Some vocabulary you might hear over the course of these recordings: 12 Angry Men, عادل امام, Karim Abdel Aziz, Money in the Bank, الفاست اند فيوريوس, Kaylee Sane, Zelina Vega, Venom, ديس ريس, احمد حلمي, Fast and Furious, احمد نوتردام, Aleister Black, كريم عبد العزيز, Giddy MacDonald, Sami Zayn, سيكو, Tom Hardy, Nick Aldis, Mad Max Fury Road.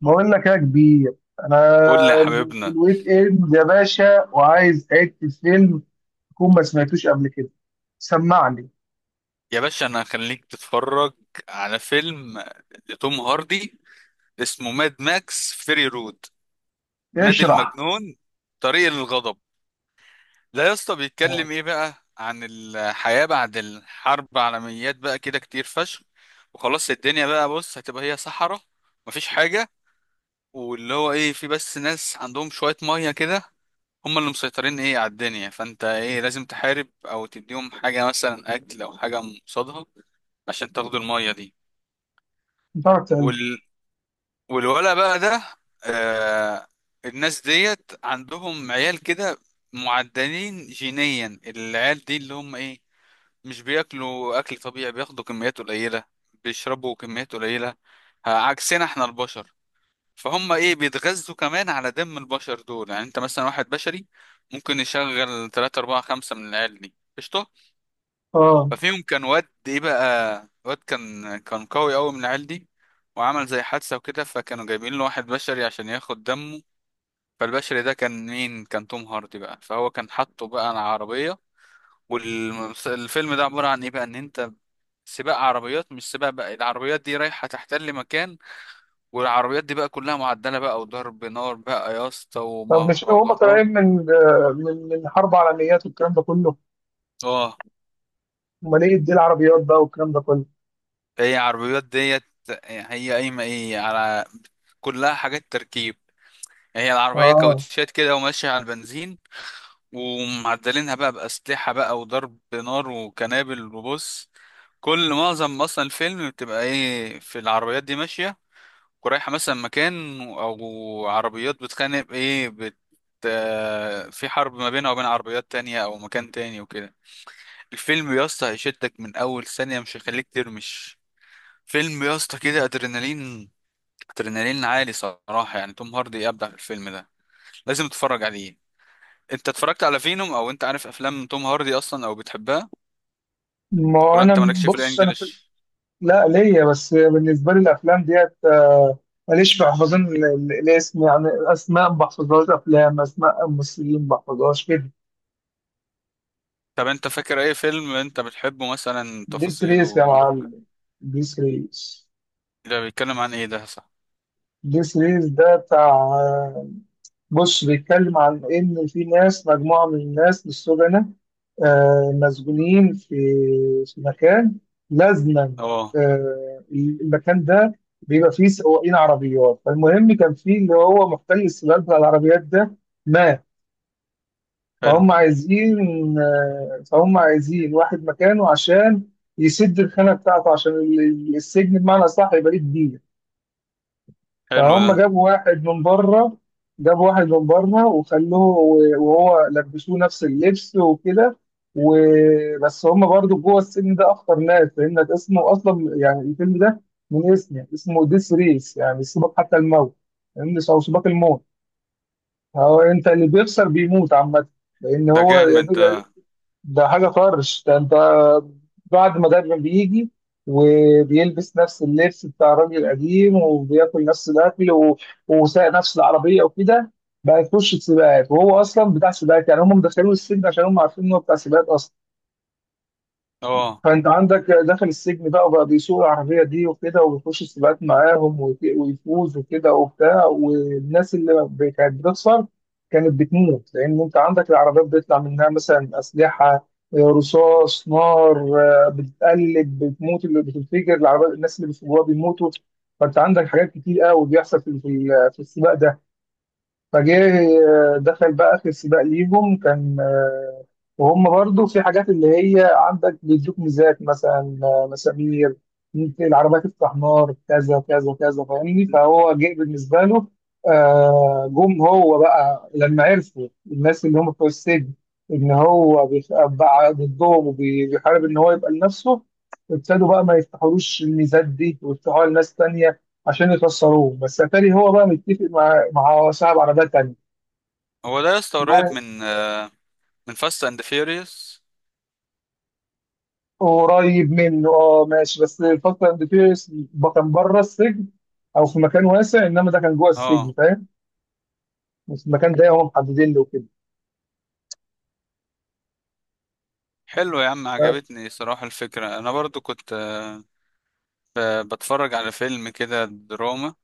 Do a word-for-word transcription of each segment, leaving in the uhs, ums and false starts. بقول لك يا كبير، انا قول لي يا في حبيبنا. الويك اند يا باشا، وعايز حته فيلم تكون ما سمعتوش قبل كده. سمعني. يا باشا انا هخليك تتفرج على فيلم لتوم هاردي اسمه ماد ماكس فيري رود، ماد اشرح. المجنون طريق الغضب. لا يا اسطى اه. بيتكلم ايه بقى؟ عن الحياة بعد الحرب عالميات، بقى كده كتير فشخ. وخلاص الدنيا بقى، بص، هتبقى هي صحراء، مفيش حاجة. واللي هو ايه، في بس ناس عندهم شوية مية كده، هم اللي مسيطرين ايه على الدنيا، فانت ايه لازم تحارب او تديهم حاجة مثلا اكل او حاجة قصادها عشان تاخدوا المية دي. بتاعك وال... تعيش. والولا بقى ده، آه... الناس ديت عندهم عيال كده، معدلين جينيا، العيال دي اللي هم ايه مش بياكلوا اكل طبيعي، بياخدوا كميات قليلة، بيشربوا كميات قليلة، آه، عكسنا احنا البشر. فهم ايه بيتغذوا كمان على دم البشر دول، يعني انت مثلا واحد بشري ممكن يشغل تلاتة اربعة خمسة من العيال دي قشطة. اه. ففيهم كان واد ايه بقى، واد كان كان قوي قوي من العيال دي، وعمل زي حادثة وكده، فكانوا جايبين له واحد بشري عشان ياخد دمه. فالبشري ده كان مين؟ كان توم هاردي بقى. فهو كان حاطه بقى على عربية. والفيلم ده عبارة عن ايه بقى؟ ان انت سباق عربيات، مش سباق بقى، العربيات دي رايحة تحتل مكان، والعربيات دي بقى كلها معدلة بقى وضرب نار بقى يا اسطى طب مش هم ومهرجانات. طالعين من آه، من من حرب عالميات والكلام ده كله؟ اه امال ايه دي العربيات بقى والكلام ده كله؟ هي عربيات ديت، هي قايمة ايه على، كلها حاجات تركيب. هي العربية اه. كاوتشات كده وماشية على البنزين، ومعدلينها بقى بأسلحة بقى وضرب نار وكنابل. وبص، كل معظم أصلا الفيلم بتبقى إيه، في العربيات دي ماشية ورايحة مثلا مكان، أو عربيات بتخانق إيه بت آه، في حرب ما بينها وبين عربيات تانية أو مكان تاني وكده. الفيلم يا اسطى هيشدك من أول ثانية، مش هيخليك ترمش. فيلم يا اسطى كده أدرينالين أدرينالين عالي صراحة، يعني توم هاردي أبدع في الفيلم ده، لازم تتفرج عليه. انت اتفرجت على فينوم؟ او انت عارف افلام توم هاردي اصلا او بتحبها؟ ما هو ولا انت انا مالكش في بص، انا في... الانجليش؟ لا، ليا، بس بالنسبه لي الافلام ديت آه، ماليش في حفظان ال- ال- الاسم، يعني اسماء ما بحفظهاش، افلام اسماء ممثلين ما بحفظهاش كده. طب انت فاكر اي فيلم انت بتحبه مثلا ديس ريس يا تفاصيله عارف ك- معلم. ديس ريس. ده بيتكلم عن ايه؟ ده صح. ديس ريس ده بتاع... بص، بيتكلم عن إن في ناس، مجموعة من الناس، للسجناء، آه، مسجونين في في مكان، لازما. اه، آه، المكان ده بيبقى فيه سواقين عربيات. فالمهم، كان فيه اللي هو محتل السباق بتاع العربيات ده مات. حلو. فهم عايزين آه، فهم عايزين واحد مكانه عشان يسد الخانة بتاعته، عشان ال- ال- السجن بمعنى أصح يبقى ليه كبير. حلو ده. فهم جابوا واحد من بره، جابوا واحد من بره وخلوه، وهو لبسوه نفس اللبس وكده. وبس، هم برضو جوه السجن ده أخطر ناس، لأن اسمه أصلا، يعني الفيلم ده من اسمه اسمه ديس ريس، يعني سباق حتى الموت، يعني أو سباق الموت. هو أنت اللي بيخسر بيموت عامة، لأن ده هو جامد ده. ده حاجة طرش، ده انت. بعد ما مدرب بيجي وبيلبس نفس اللبس بتاع الراجل القديم، وبياكل نفس الاكل، و... وسايق نفس العربية وكده، بقى يخش سباقات، وهو اصلا بتاع سباقات، يعني هم مدخلينه السجن عشان هم عارفين ان هو بتاع سباقات اصلا. اه فانت عندك، دخل السجن بقى وبقى بيسوق العربيه دي وكده، وبيخش السباقات معاهم ويت- ويفوز وكده وبتاع، والناس اللي ب- كانت بتخسر كانت بتموت، لان انت عندك العربيات بيطلع منها مثلا اسلحه، آه، رصاص، نار، آه، بتتقلب، بتموت، اللي بتنفجر العربيات الناس اللي بيسوقوها بيموتوا. فانت عندك حاجات كتير قوي بيحصل في في ال- في السباق ده. فجه، آه، دخل بقى في السباق ليهم، كان آه، وهم برضو في حاجات، اللي هي عندك بيدوك ميزات مثلا آه، مسامير، ممكن العربية تفتح نار، كذا كذا كذا، فاهمني. فهو جه بالنسبة له، آه، جم هو بقى لما عرفوا الناس اللي هم بتوع السجن، إن هو بيخ- بقى ضدهم وبيحارب إن هو يبقى لنفسه، ابتدوا بقى ما يفتحولوش الميزات دي ويفتحوها لناس تانية عشان يخسروه. بس اتاري هو بقى متفق مع، ما هو صعب عربيات تانية. هو ده يا اسطى قريب وبعد-... من آه، من فاست اند فيوريوس. قريب منه، اه ماشي، بس الفاست اند فيوريوس كان بره السجن او في مكان واسع، انما ده كان جوه السجن، اه. فاهم. بس المكان ده هم محددين له كده. حلو يا عم، عجبتني صراحة الفكرة. انا برضو كنت آه، ب- بتفرج على فيلم كده دراما،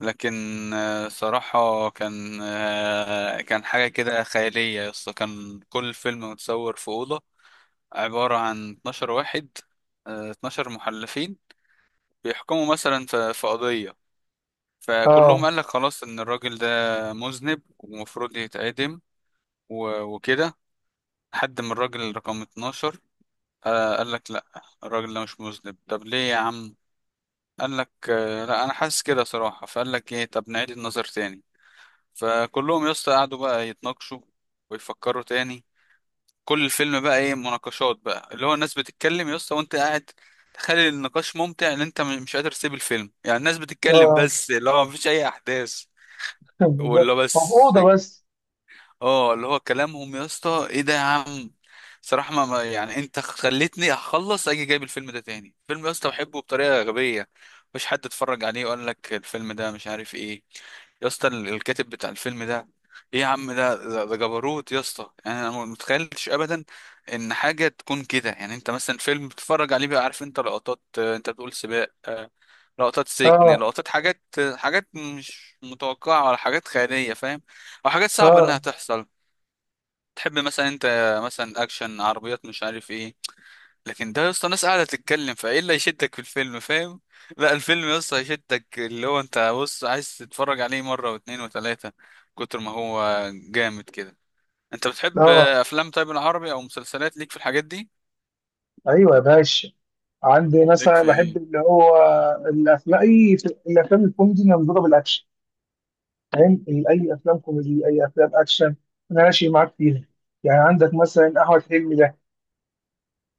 لكن آه، صراحة كان، آه، كان حاجة كده خيالية يا اسطى. كان كل فيلم متصور في أوضة، عبارة عن اتناشر واحد، آه، اتناشر محلفين بيحكموا مثلا في في قضية. فكلهم اه. قال لك خلاص إن الراجل ده مذنب ومفروض يتعدم و- وكده، لحد ما الراجل رقم اتناشر آه، قال لك لأ، الراجل ده مش مذنب. طب ليه يا عم؟ قال لك آه، لأ أنا حاسس كده صراحة. فقال لك إيه، طب نعيد النظر تاني. فكلهم يا اسطى قعدوا بقى يتناقشوا ويفكروا تاني. كل الفيلم بقى ايه مناقشات بقى، اللي هو الناس بتتكلم يا اسطى، وانت قاعد تخلي النقاش ممتع ان انت م- مش قادر تسيب الفيلم. يعني الناس بتتكلم اه. بس، اللي هو مفيش اي احداث ولا بس. مفقودة بس. اه اللي هو كلامهم يا اسطى، ايه ده يا عم؟ صراحة ما ما- يعني انت خلتني اخلص اجي جايب الفيلم ده تاني. فيلم يا اسطى بحبه بطريقة غبية، مفيش حد اتفرج عليه وقال لك الفيلم ده مش عارف ايه. يا اسطى ال- الكاتب بتاع الفيلم ده، ايه يا عم ده ده ده جبروت يا اسطى، يعني انا ما متخيلتش ابدا ان حاجة تكون كده. يعني انت مثلا فيلم بتتفرج عليه بقى عارف انت لقطات، آه، انت بتقول سباق، آه، لقطات سجن، اه، لقطات حاجات، آه، حاجات مش متوقعة ولا حاجات خيالية فاهم، او حاجات صعبة انها اه، تحصل. تحب مثلا انت، مثلا اكشن عربيات مش عارف ايه. لكن ده يا اسطى ناس قاعده تتكلم، فايه اللي هيشدك في الفيلم فاهم؟ لا الفيلم يا اسطى هيشدك، اللي هو انت بص عايز تتفرج عليه مره واتنين وتلاته كتر ما هو جامد كده. انت بتحب اه، افلام طيب العربي او مسلسلات؟ ليك في الحاجات دي؟ ايوه يا باشا. عندي ليك مثلا في بحب ايه؟ اللي هو، الافلام اي الافلام الكوميدي اللي مضروبه بالاكشن. فاهم؟ اي افلام كوميدي، اي افلام اكشن، انا ماشي معاك فيها. يعني عندك مثلا احمد حلمي ده،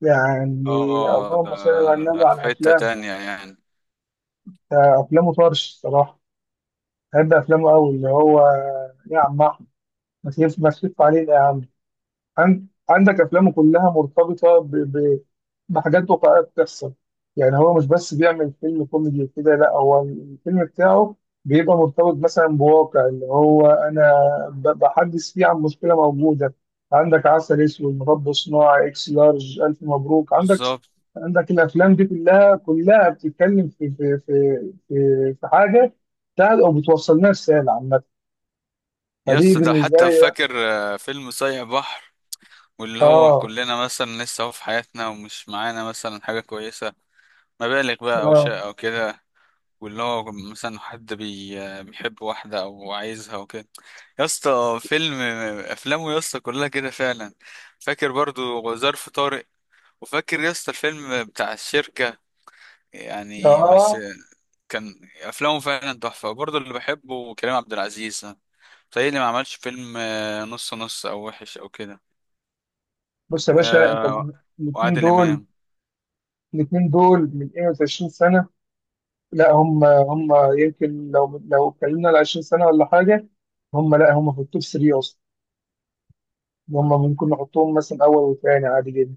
يعني اه ده، اللهم صل على ده النبي في على حته افلام. تانية يعني. آه، افلامه طرش الصراحه، بحب افلامه قوي اللي هو، يا عم احمد، ما تلف ما تلف علينا يا عم. عن- عندك افلامه كلها مرتبطه ب... ب... بحاجات واقعيه بتحصل. يعني هو مش بس بيعمل فيلم كوميدي وكده، لا، هو الفيلم بتاعه بيبقى مرتبط مثلا بواقع، اللي هو انا ب- بحدث فيه عن مشكله موجوده. عندك عسل اسود، مربى صناعي، اكس لارج، الف مبروك، عندك بالظبط. عندك الافلام دي كلها كلها بتتكلم في في في في, في حاجه بتاعت، او بتوصل لنا رساله عامه، يا فدي اسطى ده بالنسبه حتى لي. فاكر آه، فيلم صايع بحر، واللي هو اه. كلنا مثلا لسه هو في حياتنا ومش معانا مثلا حاجه كويسه، مبالغ بقى او شيء اه. او كده، واللي هو مثلا حد بي... بيحب واحده او عايزها وكده. يا اسطى فيلم، افلامه يا اسطى كلها كده فعلا. فاكر برضو ظرف طارق، وفاكر يا اسطى الفيلم بتاع الشركه يعني بس. اه. كان افلامه فعلا تحفه. برضو اللي بحبه كريم عبد العزيز، تهيألي ما عملش فيلم آه، نص نص او وحش او كده. بص يا باشا، انت آه، من- الاثنين وعادل دول امام. الاثنين دول من واحد وعشرين سنة سنه، لا هم هم، يمكن لو لو اتكلمنا على عشرين سنة سنه ولا حاجه، هم لا، هم في التوب تلاتة اصلا. هم ممكن نحطهم مثلا اول وثاني عادي جدا،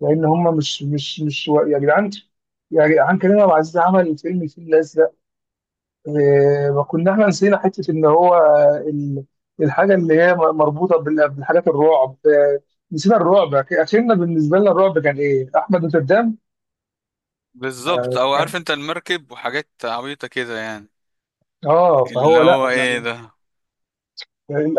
لان هم مش مش مش و- يا جدعان، يا جدعان كريم عبد العزيز عمل فيلم الفيل الازرق. آه، ما كنا احنا نسينا حته ان هو ال- الحاجه اللي هي مربوطه بال- بالحاجات الرعب، آه، نسينا الرعب. اخرنا بالنسبه لنا الرعب كان ايه؟ احمد نوتردام. بالظبط، او عارف انت المركب وحاجات عبيطه كده يعني، اه، اللي فهو هو لا، ايه لما ده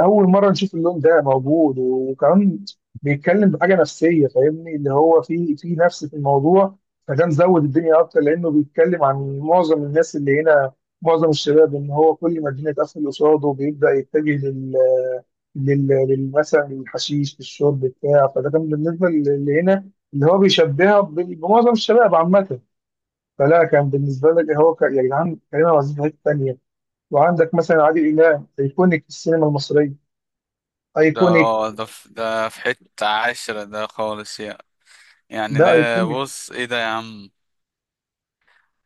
اول مره نشوف اللون ده موجود، وكمان بيتكلم بحاجه نفسيه، فاهمني، اللي هو في في نفس في الموضوع، فده مزود الدنيا اكتر، لانه بيتكلم عن معظم الناس اللي هنا، معظم الشباب، ان هو كل ما الدنيا تقفل قصاده بيبدا يتجه لل لل لل- مثلا للحشيش، للشرب بتاع، فده كان بالنسبه اللي هنا، اللي هو بيشبهها بال- بمعظم الشباب عامه. فلا كان بالنسبه لك، هو ك- يا جدعان، كريم عبد العزيز في حته تانيه. وعندك مثلا عادل امام، ايكونيك في السينما المصريه. ده. ايكونيك. اه ده في، ده في حتة عاشرة ده خالص يعني. يعني ده ده ايكونيك. بص ايه ده يا عم.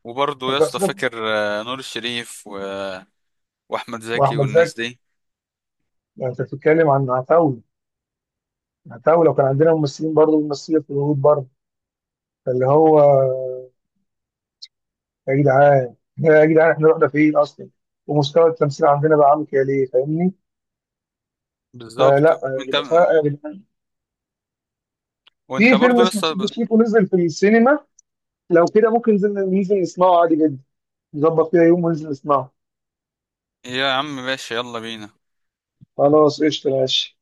وبرضه يا أنت اسطى أصلاً-... فاكر آه، نور الشريف و- واحمد زكي واحمد زكي. والناس دي. يعني انت بتتكلم عن عتاوله، عتاوله، وكان عندنا ممثلين برضه بيمثلوا في الهنود برضه. فاللي هو، يا جدعان، يا جدعان احنا رحنا فين اصلا؟ ومستوى التمثيل عندنا بقى عامل كده ليه؟ فاهمني. بالظبط فلا آه، انت. بيبقى فرق يا جدعان. وانت في فيلم برضه يا اسمه سيكو اسطى، سيكو نزل في السينما، لو كده ممكن ننزل ننزل نسمعه عادي جدا، نظبط كده يوم وننزل نسمعه. يا عم ماشي يلا بينا. خلاص، قشطة، ماشي.